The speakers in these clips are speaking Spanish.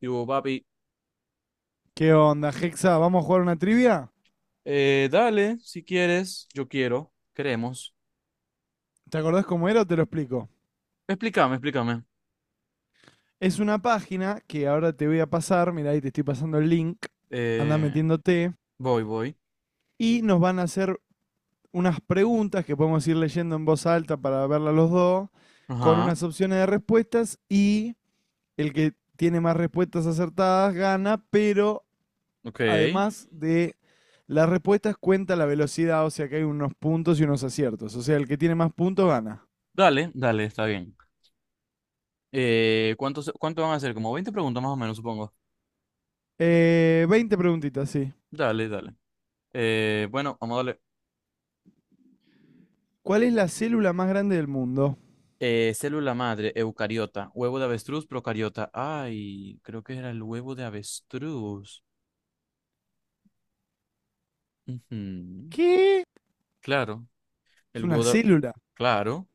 Digo, papi, ¿Qué onda, Hexa? ¿Vamos a jugar una trivia? Dale, si quieres, yo quiero, queremos. ¿Te acordás cómo era o te lo explico? Explícame, explícame. Es una página que ahora te voy a pasar, mirá, ahí te estoy pasando el link, anda Eh, metiéndote, voy, voy. y nos van a hacer unas preguntas que podemos ir leyendo en voz alta para verla los dos, con Ajá, unas opciones de respuestas y el que tiene más respuestas acertadas gana, pero ok. además de las respuestas cuenta la velocidad, o sea que hay unos puntos y unos aciertos, o sea, el que tiene más puntos gana. Dale, dale, está bien. ¿Cuánto van a hacer? Como 20 preguntas más o menos, supongo. 20 preguntitas, sí. Dale, dale. Bueno, vamos a darle. ¿Cuál es la célula más grande del mundo? Célula madre, eucariota, huevo de avestruz, procariota. Ay, creo que era el huevo de avestruz. Ujú. ¿Qué? Claro, Es el una huevo de... célula. Claro.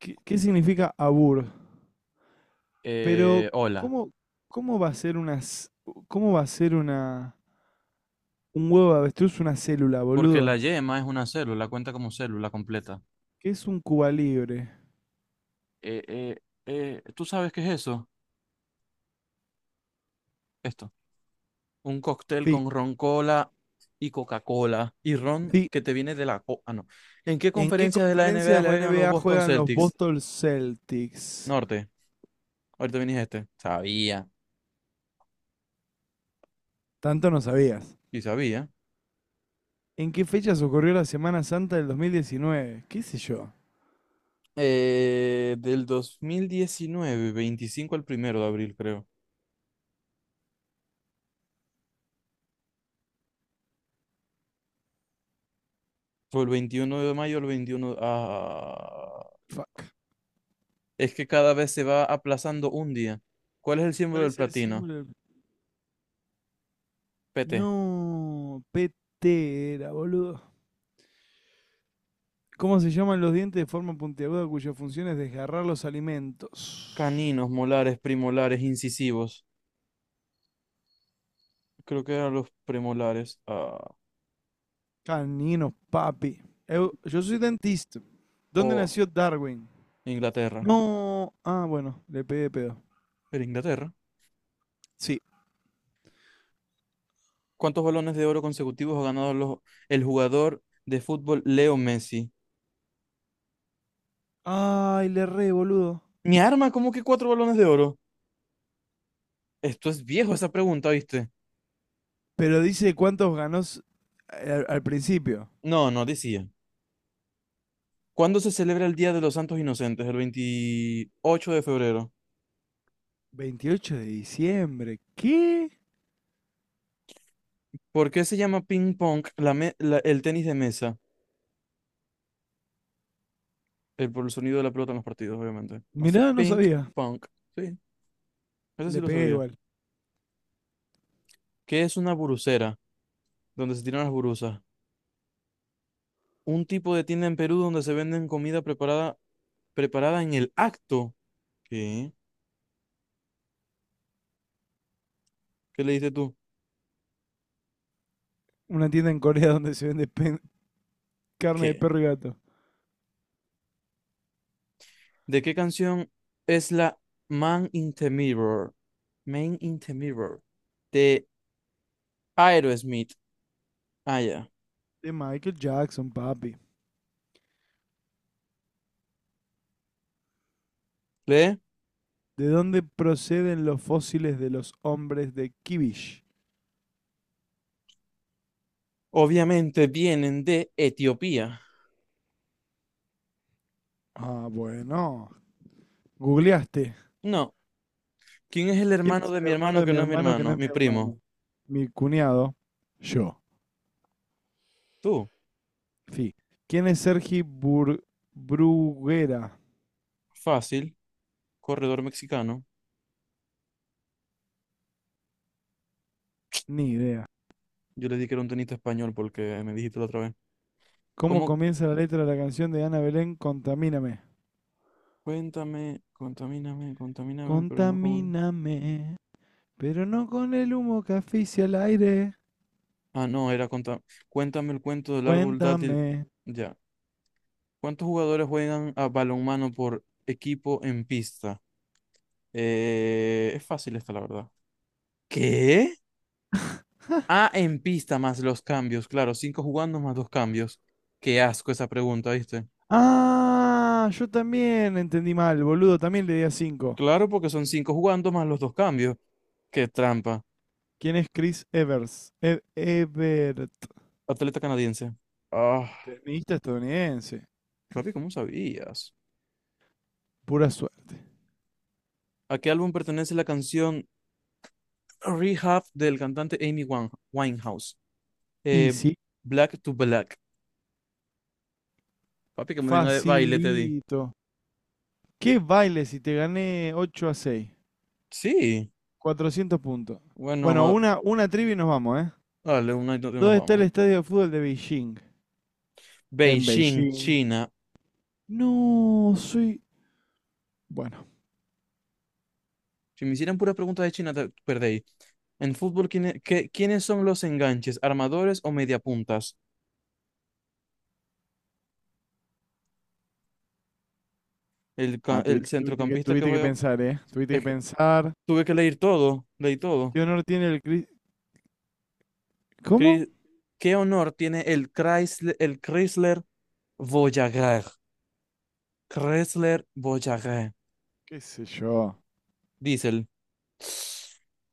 ¿Qué significa abur? Pero, Hola. ¿cómo, cómo va a ser una, c- cómo va a ser una, un huevo de avestruz una célula, Porque la boludo? yema es una célula, cuenta como célula completa. ¿Qué es un Cuba libre? Eh, eh, ¿Tú sabes qué es eso? Esto. Un cóctel Sí, con ron cola y Coca-Cola y ron sí. que te viene de la... ah, no. ¿En qué ¿En qué conferencias de la conferencia NBA de la juegan los NBA Boston juegan los Celtics? Boston Celtics? Norte. Ahorita viniste este. Sabía. Tanto no sabías. Y sabía. ¿En qué fechas ocurrió la Semana Santa del 2019? ¿Qué sé yo? Del 2019 25 al 1 de abril, creo. O el 21 de mayo, el 21. Ah, Fuck. es que cada vez se va aplazando un día. ¿Cuál es el símbolo ¿Cuál del es el platino? símbolo del... PT. No, PT era, boludo. ¿Cómo se llaman los dientes de forma puntiaguda cuya función es desgarrar los alimentos? Caninos, molares, primolares, incisivos. Creo que eran los premolares. Ah, Caninos, papi. Yo soy dentista. ¿Dónde o nació Darwin? Inglaterra. No. Ah, bueno, le pegué de pedo. Pero Inglaterra. Sí. ¿Cuántos balones de oro consecutivos ha ganado el jugador de fútbol Leo Messi? Ay, le re, boludo. Mi arma, ¿cómo que cuatro balones de oro? Esto es viejo esa pregunta, ¿viste? Pero dice cuántos ganó al principio. No, no, decía. ¿Cuándo se celebra el Día de los Santos Inocentes? El 28 de febrero. 28 de diciembre. ¿Qué? ¿Por qué se llama ping pong el tenis de mesa? Por el sonido de la pelota en los partidos, obviamente. Hace Mirá, no ping sabía. pong. Sí, eso sí Le lo pegué sabía. igual. ¿Qué es una burucera? Donde se tiran las burusas. Un tipo de tienda en Perú donde se venden comida preparada, preparada en el acto. ¿Qué? ¿Qué le dices tú? Una tienda en Corea donde se vende carne de ¿Qué? perro y gato. ¿De qué canción es la Man in the Mirror? Man in the Mirror. De Aerosmith. Ah, ya. De Michael Jackson, papi. ¿Lee? ¿De dónde proceden los fósiles de los hombres de Kivish? Obviamente vienen de Etiopía. Ah, bueno. Googleaste. No. ¿Quién es el ¿Quién hermano es de el mi hermano hermano de que mi no es mi hermano que no hermano? es mi Mi primo. hermano? Mi cuñado. Yo. Tú. Sí. ¿Quién es Sergi Bruguera? Fácil. Corredor mexicano. Ni idea. Yo le di que era un tenista español porque me dijiste la otra vez. ¿Cómo ¿Cómo? comienza la letra de la canción de Ana Belén, Contamíname? Cuéntame, contamíname, contamíname, pero no con... Contamíname, pero no con el humo que asfixia el aire. Ah, no, era conta... Cuéntame el cuento del árbol dátil. Cuéntame. Ya. ¿Cuántos jugadores juegan a balonmano por equipo en pista? Es fácil esta, la verdad. ¿Qué? Ah, en pista más los cambios, claro, cinco jugando más dos cambios. Qué asco esa pregunta, ¿viste? Ah, yo también entendí mal, boludo, también le di a 5. Claro, porque son cinco jugando más los dos cambios. Qué trampa. ¿Quién es Chris Evers? Ebert, Atleta canadiense. Ah. tenista estadounidense. Papi, ¿cómo sabías? Pura suerte. ¿A qué álbum pertenece la canción Rehab del cantante Amy Winehouse? Y Eh, sí, Black to Black. Papi, que me tenga de baile, te di. facilito. ¿Qué baile si te gané 8-6, Sí. 400 puntos. Bueno, Bueno, vamos una trivia y nos vamos, ¿eh? dale, una y dos y nos ¿Dónde está el vamos. estadio de fútbol de Beijing? En Beijing, Beijing. China. No, soy... Bueno, Si me hicieran puras preguntas de China, te perdéis. En fútbol, ¿quiénes son los enganches? ¿Armadores o mediapuntas? Ah, tuvi- El tuviste, que, centrocampista que tuviste que juega. pensar, ¿eh? Tuviste que Es que pensar. tuve que leer todo, leí todo. ¿Qué honor tiene el Chris? ¿Cómo? Cri- ¿Qué honor tiene el Chrysler Voyager. Chrysler Voyager. ¿Qué sé yo? Diesel.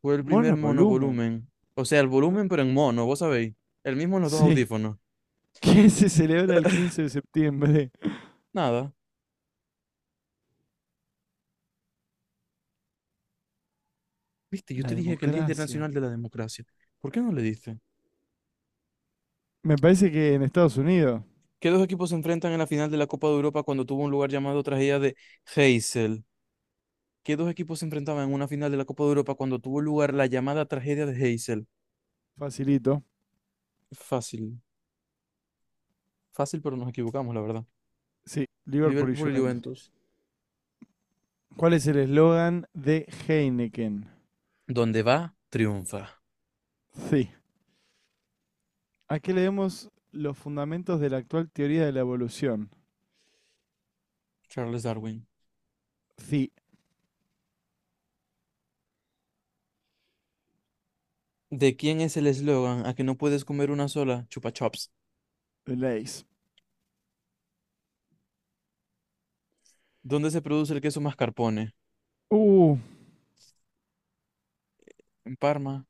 Fue el primer Mono volumen. monovolumen. O sea, el No- volumen, pero en mono, vos sabéis. El mismo en los dos Sí. audífonos. Qué se celebra el 15 de septiembre. Nada. Viste, yo La te dije que el Día democracia. Internacional de la Democracia. ¿Por qué no le diste? Me parece que en Estados Unidos, ¿Qué dos equipos se enfrentan en la final de la Copa de Europa cuando tuvo un lugar llamado tragedia de Heysel? ¿Qué dos equipos se enfrentaban en una final de la Copa de Europa cuando tuvo lugar la llamada tragedia de Heysel? facilito. Fácil. Fácil, pero nos equivocamos, la verdad. Sí, Liverpool y Liverpool y Juventus. Juventus. ¿Cuál es el eslogan de Heineken? Donde va, triunfa. Sí. Aquí leemos los fundamentos de la actual teoría de la evolución. Charles Darwin. Sí, ¿De quién es el eslogan a que no puedes comer una sola? Chupa Chups. leis. ¿Dónde se produce el queso mascarpone? Uh, En Parma.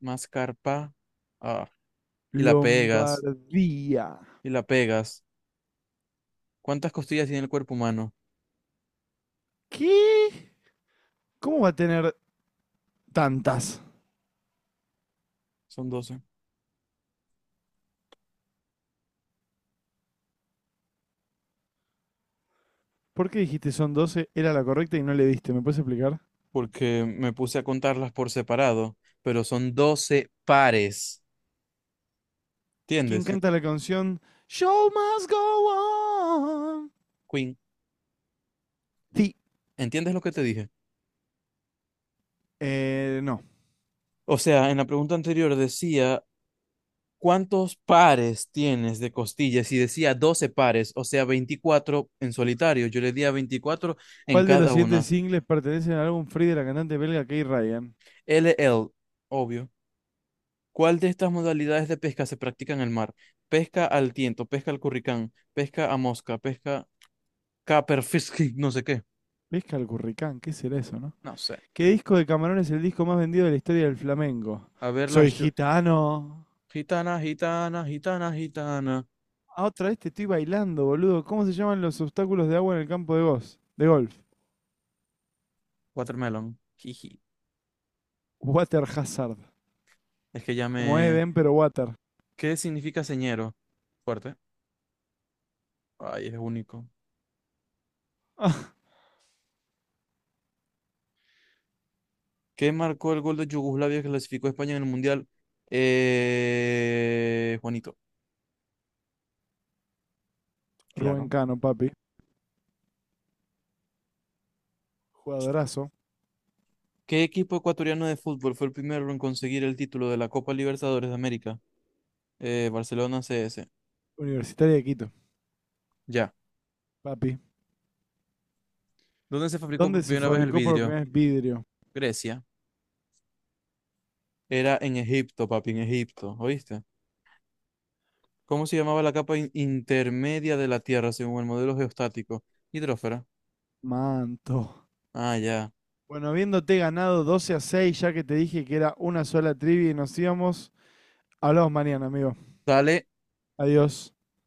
Mascarpa. Ah, y la pegas. Lombardía. Y la pegas. ¿Cuántas costillas tiene el cuerpo humano? ¿Qué? ¿Cómo va a tener tantas? Son 12. ¿Por qué dijiste son doce? Era la correcta y no le diste. ¿Me puedes explicar? Porque me puse a contarlas por separado, pero son 12 pares. ¿Quién ¿Entiendes? canta la canción Show Must Go On? Queen, Sí. ¿entiendes lo que te dije? No. O sea, en la pregunta anterior decía ¿cuántos pares tienes de costillas? Y decía 12 pares, o sea, 24 en solitario. Yo le di a 24 en ¿Cuál de los cada siguientes una. singles pertenece al álbum Free de la cantante belga Kay Ryan? LL, obvio. ¿Cuál de estas modalidades de pesca se practica en el mar? Pesca al tiento, pesca al curricán, pesca a mosca, pesca caperfisk, no sé qué. Pesca al curricán, ¿qué será eso, no? No sé. ¿Qué disco de Camarón es el disco más vendido de la historia del flamenco? A ver Soy las gitano. gitana, gitana, gitana, gitana. Ah, otra vez te estoy bailando, boludo. ¿Cómo se llaman los obstáculos de agua en el campo de golf? De golf. Watermelon. Jiji. Water Hazard. Es que ya Como me... Eden, pero Water. ¿Qué significa señero? Fuerte. Ay, es único. Ah, ¿Qué marcó el gol de Yugoslavia que clasificó a España en el Mundial? Juanito, Rubén claro. Cano, papi. Jugadorazo. ¿Qué equipo ecuatoriano de fútbol fue el primero en conseguir el título de la Copa Libertadores de América? Barcelona CS. Universitaria de Quito, Ya. papi. ¿Dónde se fabricó ¿Dónde por se primera vez el fabricó por vidrio? primera vez vidrio? Grecia. Era en Egipto, papi, en Egipto, ¿oíste? ¿Cómo se llamaba la capa intermedia de la Tierra según el modelo geostático? Hidrófera. Manto. Ah, ya. Bueno, habiéndote ganado 12-6, ya que te dije que era una sola trivia y nos íbamos, hablamos mañana, amigo. Dale. Adiós.